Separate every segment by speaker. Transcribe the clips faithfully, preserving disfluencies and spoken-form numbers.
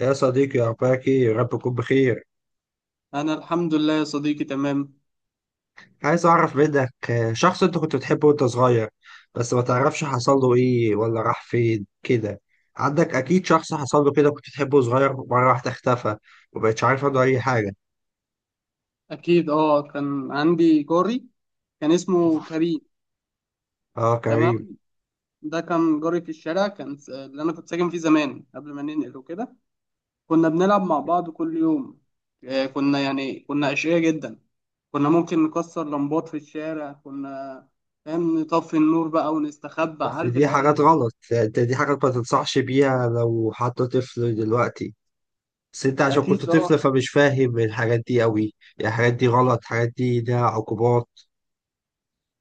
Speaker 1: يا صديقي، أخبارك إيه؟ يا رب تكون بخير.
Speaker 2: أنا الحمد لله يا صديقي، تمام.
Speaker 1: عايز أعرف منك آه، شخص أنت كنت بتحبه وأنت صغير، بس ما تعرفش حصل له إيه ولا راح فين كده. عندك أكيد شخص حصل له كده، كنت بتحبه صغير، مرة واحدة اختفى ومبقتش عارف عنه أي حاجة.
Speaker 2: أكيد، أه، كان عندي جاري، كان اسمه كريم.
Speaker 1: آه،
Speaker 2: تمام.
Speaker 1: كريم.
Speaker 2: ده كان جاري في الشارع، كان س- اللي أنا كنت ساكن فيه زمان قبل ما ننقل وكده. كنا بنلعب مع بعض كل يوم. آه، كنا يعني كنا أشقياء جدا. كنا ممكن نكسر لمبات في الشارع، كنا، فاهم، نطفي النور بقى ونستخبى،
Speaker 1: بس
Speaker 2: عارف،
Speaker 1: دي
Speaker 2: العيال.
Speaker 1: حاجات غلط، أنت دي حاجات ما تنصحش بيها لو حد طفل دلوقتي. بس أنت عشان كنت
Speaker 2: أكيد، أه.
Speaker 1: طفل فمش فاهم الحاجات دي أوي، يعني الحاجات دي غلط، الحاجات دي ليها عقوبات.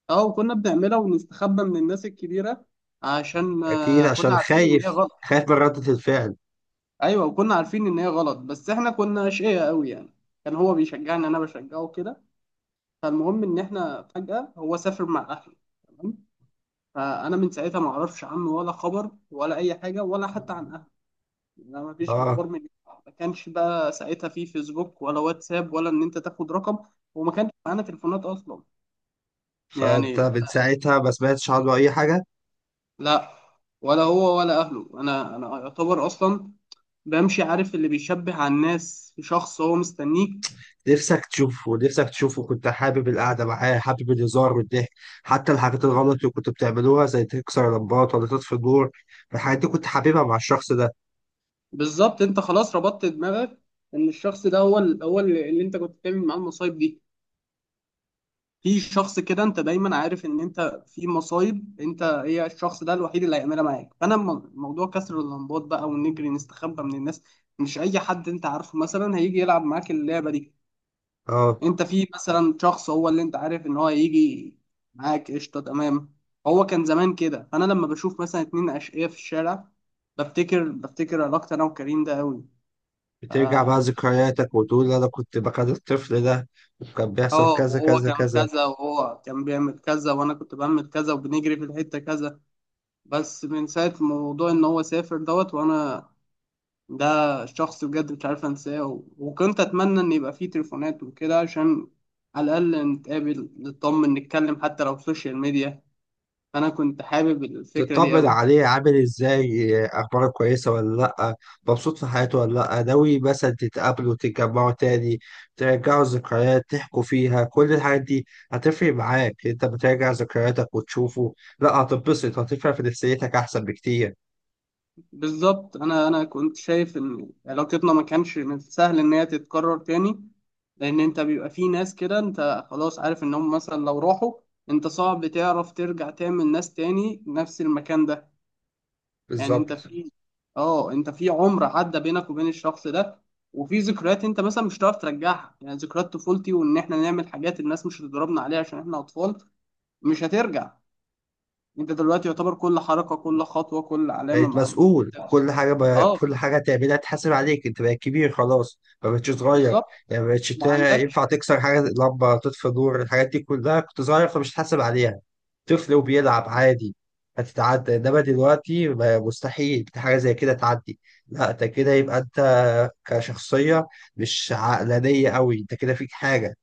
Speaker 2: أه، وكنا بنعملها ونستخبى من الناس الكبيرة، عشان
Speaker 1: أكيد
Speaker 2: آه، كنا
Speaker 1: عشان
Speaker 2: عارفين إن
Speaker 1: خايف،
Speaker 2: هي غلط.
Speaker 1: خايف من ردة الفعل.
Speaker 2: ايوه، وكنا عارفين ان هي غلط، بس احنا كنا اشقياء قوي، يعني. كان هو بيشجعني، انا بشجعه كده. فالمهم ان احنا فجأة هو سافر مع اهله. تمام. فانا من ساعتها ما اعرفش عنه ولا خبر ولا اي حاجه، ولا حتى عن اهله. لا، ما فيش
Speaker 1: اه،
Speaker 2: اخبار من. ما كانش بقى ساعتها في فيسبوك ولا واتساب ولا ان انت تاخد رقم. وما كانش معانا تليفونات اصلا.
Speaker 1: فانت
Speaker 2: يعني،
Speaker 1: من
Speaker 2: لا.
Speaker 1: ساعتها ما سمعتش عنه اي حاجه؟
Speaker 2: لا. ولا هو ولا اهله. انا انا يعتبر اصلا بمشي، عارف اللي بيشبه على الناس في شخص هو مستنيك.
Speaker 1: نفسك تشوفه، نفسك تشوفه، كنت حابب القعده معاه، حابب الهزار والضحك، حتى الحاجات الغلط اللي كنت بتعملوها زي تكسر لمبات ولا تطفي النور، الحاجات دي كنت حاببها مع الشخص ده.
Speaker 2: بالظبط، انت خلاص ربطت دماغك ان الشخص ده هو ال- هو اللي اللي انت كنت بتعمل معاه المصايب دي. في شخص كده انت دايما عارف ان انت في مصايب، انت هي الشخص ده الوحيد اللي هيعملها معاك. فانا م- موضوع كسر اللمبات بقى ونجري نستخبى من الناس، مش اي حد انت عارفه مثلا هيجي يلعب معاك اللعبه دي.
Speaker 1: اه،
Speaker 2: انت في مثلا شخص هو اللي انت عارف ان هو هيجي معاك، قشطه، تمام. هو كان زمان كده، فانا لما بشوف مثلا اتنين اشقياء في الشارع، بفتكر بفتكر علاقتي انا وكريم ده قوي.
Speaker 1: بترجع بقى ذكرياتك وتقول انا كنت بكره الطفل ده، وكان بيحصل
Speaker 2: اه،
Speaker 1: كذا
Speaker 2: وهو
Speaker 1: كذا
Speaker 2: كان
Speaker 1: كذا.
Speaker 2: كذا وهو كان بيعمل كذا وانا كنت بعمل كذا وبنجري في الحتة كذا. بس من ساعة موضوع ان هو سافر دوت، وانا، ده، شخص بجد مش عارف انساه، و- وكنت اتمنى ان يبقى فيه تليفونات وكده عشان على الاقل نتقابل، نطمن، نتكلم، حتى لو في السوشيال ميديا. فانا كنت حابب الفكرة دي
Speaker 1: تطمن
Speaker 2: قوي.
Speaker 1: عليه عامل ازاي، اخباره كويسه ولا لا، مبسوط في حياته ولا لا، ناوي مثلا تتقابلوا تتجمعوا تاني، ترجعوا الذكريات تحكوا فيها كل الحاجات دي. هتفرق معاك انت بتراجع ذكرياتك وتشوفه، لا هتتبسط، هتفرق في نفسيتك احسن بكتير.
Speaker 2: بالظبط، انا انا كنت شايف ان علاقتنا ما كانش من سهل ان هي تتكرر تاني، لان انت بيبقى في ناس كده، انت خلاص عارف انهم مثلا لو راحوا، انت صعب تعرف ترجع تعمل ناس تاني نفس المكان ده. يعني انت
Speaker 1: بالظبط.
Speaker 2: في اه انت في عمر عدى بينك وبين الشخص ده، وفي ذكريات انت مثلا مش هتعرف ترجعها، يعني ذكريات طفولتي وان احنا نعمل حاجات الناس مش هتضربنا عليها عشان احنا اطفال، مش هترجع. انت دلوقتي يعتبر كل حركة، كل خطوة، كل علامة
Speaker 1: بقيت
Speaker 2: مع
Speaker 1: مسؤول
Speaker 2: انت.
Speaker 1: كل حاجة بقى،
Speaker 2: اه،
Speaker 1: كل حاجة تعملها تحاسب عليك، انت بقيت كبير خلاص، ما بقتش صغير.
Speaker 2: بالظبط،
Speaker 1: يعني ما بقتش
Speaker 2: ما
Speaker 1: تا- ينفع
Speaker 2: عندكش.
Speaker 1: تكسر حاجة، لمبة تطفي نور، الحاجات دي كلها كنت صغير فمش هتحاسب عليها، طفل وبيلعب عادي، هتتعدى. انما دلوقتي ما- مستحيل حاجة زي كده تعدي، لا انت كده يبقى انت كشخصية مش عقلانية قوي، انت كده فيك حاجة.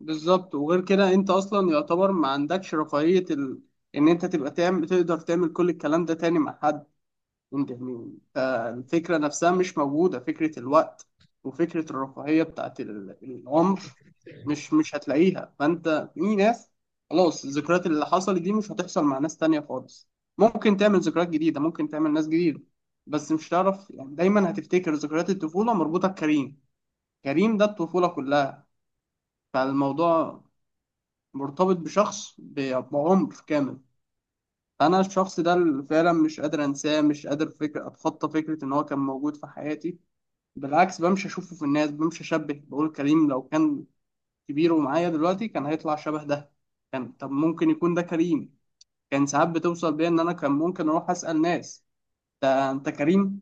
Speaker 2: بالظبط، وغير كده انت اصلا يعتبر ما عندكش رفاهية ال... ان انت تبقى تعمل، تقدر تعمل كل الكلام ده تاني مع حد. انت يعني ف- الفكرة نفسها مش موجودة، فكرة الوقت وفكرة الرفاهية بتاعت ال- العمر مش مش هتلاقيها. فانت في ناس، خلاص الذكريات اللي حصلت دي مش هتحصل مع ناس تانية خالص. ممكن تعمل ذكريات جديدة، ممكن تعمل ناس جديدة، بس مش هتعرف، يعني دايما هتفتكر ذكريات الطفولة مربوطة بكريم. كريم ده الطفولة كلها، فالموضوع مرتبط بشخص ب- بعمر كامل. انا الشخص ده اللي فعلا مش قادر انساه، مش قادر فكر اتخطى فكره ان هو كان موجود في حياتي. بالعكس، بمشي اشوفه في الناس، بمشي اشبه، بقول كريم لو كان كبير ومعايا دلوقتي كان هيطلع شبه ده، كان، طب ممكن يكون ده كريم، كان ساعات بتوصل بيا ان انا كان ممكن اروح اسال ناس، ده انت كريم؟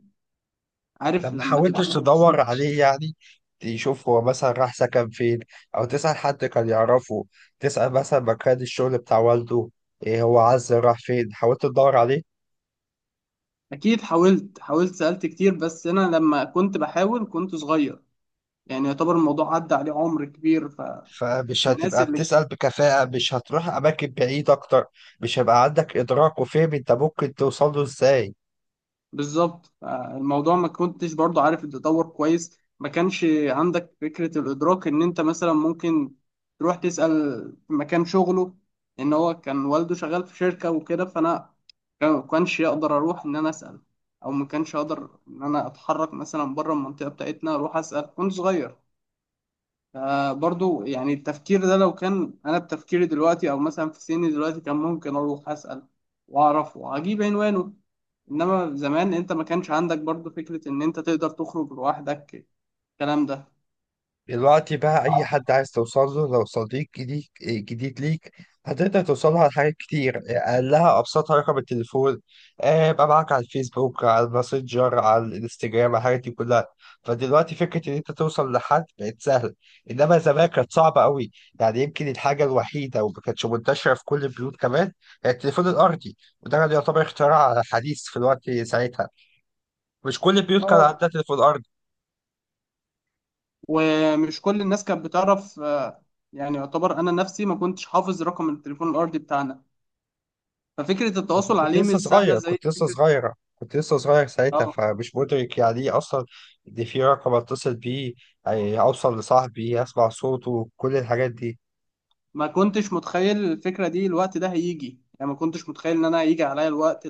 Speaker 1: طب
Speaker 2: عارف
Speaker 1: ما
Speaker 2: لما
Speaker 1: حاولتش
Speaker 2: تبقى.
Speaker 1: تدور عليه يعني؟ تشوف هو مثلا راح سكن فين، او تسأل حد كان يعرفه، تسأل مثلا مكان الشغل بتاع والده، ايه هو عز راح فين؟ حاولت تدور عليه؟
Speaker 2: اكيد حاولت، حاولت، سالت كتير، بس انا لما كنت بحاول كنت صغير، يعني يعتبر الموضوع عدى عليه عمر كبير. ف
Speaker 1: فمش
Speaker 2: الناس
Speaker 1: هتبقى
Speaker 2: اللي.
Speaker 1: بتسأل بكفاءة، مش هتروح أماكن بعيد أكتر، مش هيبقى عندك إدراك وفهم أنت ممكن توصل له إزاي.
Speaker 2: بالظبط، آه، الموضوع ما كنتش برضو عارف التطور كويس. ما كانش عندك فكرة الإدراك إن أنت مثلا ممكن تروح تسأل في مكان شغله، إن هو كان والده شغال في شركة وكده، فأنا كان- ما كانش يقدر أروح إن أنا أسأل، أو ما كانش أقدر إن أنا أتحرك مثلا بره المنطقة بتاعتنا أروح أسأل، كنت صغير. آه برضو يعني التفكير ده، لو كان انا بتفكيري دلوقتي او مثلا في سني دلوقتي، كان ممكن اروح اسال واعرف واجيب عنوانه. انما زمان انت ما كانش عندك برضو فكره ان انت تقدر تخرج لوحدك الكلام ده.
Speaker 1: دلوقتي بقى أي حد عايز توصل له، لو صديق جديد جديد ليك، هتقدر توصل له على حاجات كتير، أقلها أبسطها رقم التليفون، آه، يبقى معاك على الفيسبوك، على الماسنجر، على الانستجرام، على الحاجات دي كلها. فدلوقتي فكرة إن أنت توصل لحد بقت سهلة، إنما زمان كانت صعبة قوي. يعني يمكن الحاجة الوحيدة وما كانتش منتشرة في كل البيوت كمان هي التليفون الأرضي، وده كان يعتبر اختراع حديث في الوقت ساعتها، مش كل البيوت كان
Speaker 2: اه،
Speaker 1: عندها تليفون أرضي.
Speaker 2: ومش كل الناس كانت بتعرف، آه، يعني يعتبر انا نفسي ما كنتش حافظ رقم التليفون الارضي بتاعنا. ففكره
Speaker 1: انت
Speaker 2: التواصل
Speaker 1: كنت
Speaker 2: عليه
Speaker 1: لسه
Speaker 2: مش سهله
Speaker 1: صغير،
Speaker 2: زي
Speaker 1: كنت لسه
Speaker 2: فكره.
Speaker 1: صغيرة، كنت لسه صغير ساعتها
Speaker 2: اه،
Speaker 1: فمش مدرك يعني ايه اصلا، ان في رقم اتصل بيه، يعني اوصل لصاحبي اسمع صوته، كل الحاجات دي.
Speaker 2: ما كنتش متخيل الفكره دي الوقت ده هيجي، يعني ما كنتش متخيل ان انا هيجي عليا الوقت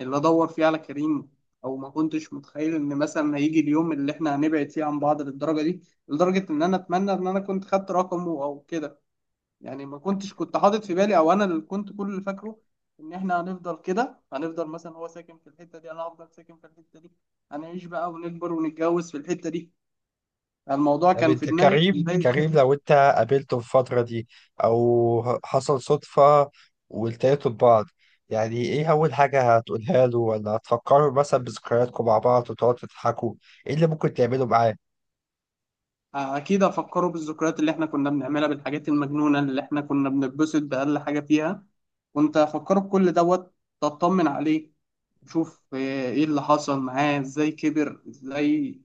Speaker 2: اللي ادور فيه على كريم، او ما كنتش متخيل ان مثلا هيجي اليوم اللي احنا هنبعد فيه عن بعض للدرجه دي، لدرجه ان انا اتمنى ان انا كنت خدت رقمه او كده. يعني ما كنتش، كنت حاطط في بالي، او انا اللي كنت كل اللي فاكره ان احنا هنفضل كده، هنفضل مثلا هو ساكن في الحته دي انا هفضل ساكن في الحته دي، هنعيش بقى ونكبر ونتجوز في الحته دي. الموضوع
Speaker 1: طب
Speaker 2: كان في
Speaker 1: انت
Speaker 2: دماغي
Speaker 1: كريم،
Speaker 2: في بدايه
Speaker 1: كريم
Speaker 2: كده.
Speaker 1: لو انت قابلته في الفترة دي، او ه- حصل صدفة والتقيتوا ببعض، يعني ايه اول حاجة هتقولها له؟ ولا هتفكروا مثلا بذكرياتكم مع بعض وتقعدوا تضحكوا؟ ايه اللي ممكن تعمله معاه؟
Speaker 2: اكيد افكره بالذكريات اللي احنا كنا بنعملها، بالحاجات المجنونه اللي احنا كنا بنتبسط باقل حاجه فيها، وانت افكره بكل دوت، تطمن عليه، تشوف ايه اللي حصل معاه ازاي، كبر ازاي،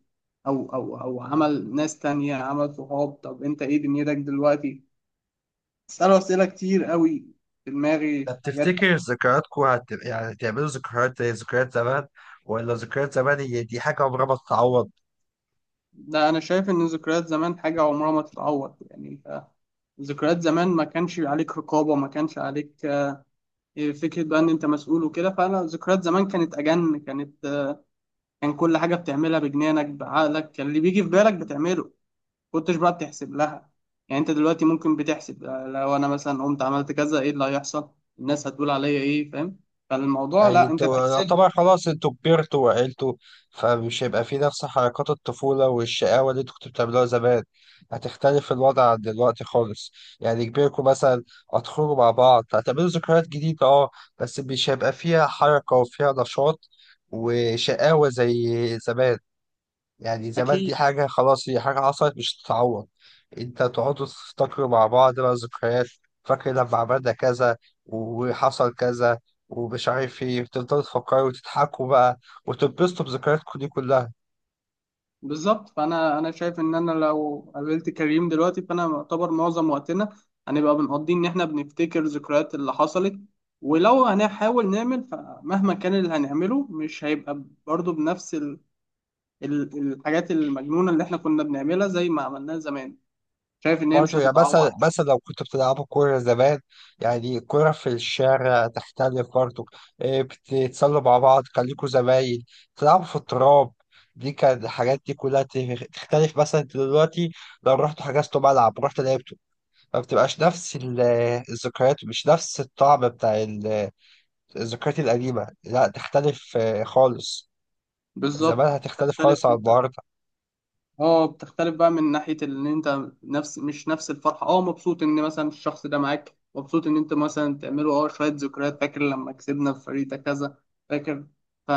Speaker 2: او او او عمل ناس تانية، عمل صحاب، طب انت ايه دنيتك دلوقتي، اساله اسئله كتير قوي في دماغي
Speaker 1: طب
Speaker 2: حاجات.
Speaker 1: تفتكر ذكرياتكم هت... يعني هتعملوا ذكريات زي ذكريات زمان، ولا ذكريات زمان هي دي حاجة عمرها ما تتعوض؟
Speaker 2: ده انا شايف ان ذكريات زمان حاجه عمرها ما تتعوض، يعني انت ذكريات زمان ما كانش عليك رقابة، ما كانش عليك فكرة بقى إن أنت مسؤول وكده. فأنا ذكريات زمان كانت أجن، كانت كان كل حاجة بتعملها بجنانك بعقلك، كان اللي بيجي في بالك بتعمله، كنتش بقى بتحسب لها. يعني أنت دلوقتي ممكن بتحسب، لو أنا مثلا قمت عملت كذا إيه اللي هيحصل، الناس هتقول عليا إيه، فاهم، فالموضوع
Speaker 1: يعني
Speaker 2: لا، أنت
Speaker 1: انتوا
Speaker 2: بتحسب.
Speaker 1: يعتبر خلاص انتوا كبرتوا وعقلتوا، فمش هيبقى في نفس حركات الطفولة والشقاوة اللي انتوا كنتوا بتعملوها زمان، هتختلف الوضع عن دلوقتي خالص. يعني كبركم مثلا، هتخرجوا مع بعض، هتعملوا ذكريات جديدة، اه، بس مش هيبقى فيها حركة وفيها نشاط وشقاوة زي زمان. يعني زمان دي
Speaker 2: أكيد.
Speaker 1: حاجة خلاص، هي حاجة حصلت مش تتعوض. انت تقعدوا تفتكروا مع بعض بقى ذكريات، فاكر لما عملنا كذا وحصل كذا ومش عارف ايه، تفضلوا تفكروا وتضحكوا بقى وتتبسطوا بذكرياتكم دي كلها.
Speaker 2: بالظبط، فانا انا شايف ان انا لو قابلت كريم دلوقتي، فانا يعتبر معظم وقتنا هنبقى بنقضي ان احنا بنفتكر ذكريات اللي حصلت، ولو هنحاول نعمل، فمهما كان اللي هنعمله مش هيبقى برضه بنفس ال... ال... الحاجات المجنونة اللي احنا كنا بنعملها زي ما عملناها زمان، شايف ان هي مش
Speaker 1: برضه يعني
Speaker 2: هتتعوض.
Speaker 1: مثلا مثلا لو كنتوا بتلعبوا كورة زمان، يعني كورة في الشارع تختلف برضه، إيه، بتتسلوا مع بعض، خليكوا زمايل، تلعبوا في التراب، دي كان الحاجات دي كلها تختلف مثلا دلوقتي لو رحتوا حجزتوا ملعب، رحت لعبت، ما بتبقاش نفس ال- الذكريات، مش نفس الطعم بتاع ال- الذكريات القديمة، لا تختلف، آه، خالص. زمانها
Speaker 2: بالظبط،
Speaker 1: تختلف
Speaker 2: تختلف
Speaker 1: خالص عن
Speaker 2: انت.
Speaker 1: النهاردة.
Speaker 2: اه، بتختلف بقى من ناحية ان انت نفس مش نفس الفرحة، اه مبسوط ان مثلا الشخص ده معاك، مبسوط ان انت مثلا تعملوا اه شوية ذكريات، فاكر لما كسبنا في فريق ده كذا، فاكر،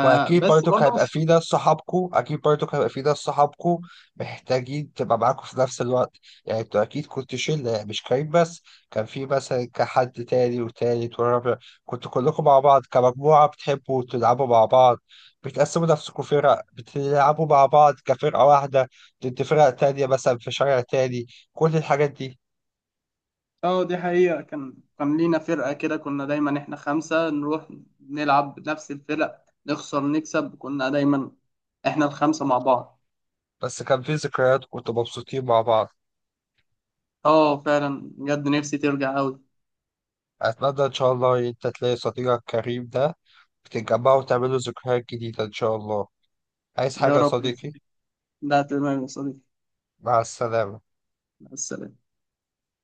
Speaker 1: واكيد برضك
Speaker 2: برضه
Speaker 1: هيبقى
Speaker 2: مش.
Speaker 1: في ناس صحابكو، اكيد برضك هيبقى في ناس صحابكو محتاجين تبقى معاكو في نفس الوقت. يعني انتوا اكيد كنتوا شله، يعني مش كريم بس، كان في مثلا كحد تاني وتالت ورابع، كنتوا كلكم مع بعض كمجموعه بتحبوا تلعبوا مع بعض، بتقسموا نفسكم فرق بتلعبوا مع بعض كفرقه واحده ضد فرق تانيه مثلا في شارع تاني، كل الحاجات دي.
Speaker 2: اه، دي حقيقة، كان كان لينا فرقة كده، كنا دايما احنا خمسة نروح نلعب نفس الفرق، نخسر، نكسب، كنا دايما احنا الخمسة مع بعض.
Speaker 1: بس كان في ذكريات كنتوا مبسوطين مع بعض.
Speaker 2: اه، فعلا بجد نفسي ترجع اوي.
Speaker 1: اتمنى ان شاء الله إن انت تلاقي صديقك كريم ده، تتجمعوا وتعملوا ذكريات جديدة إن شاء الله. عايز حاجة
Speaker 2: يا
Speaker 1: يا
Speaker 2: رب،
Speaker 1: صديقي؟
Speaker 2: ده تمام يا صديقي،
Speaker 1: مع السلامة.
Speaker 2: مع السلامة.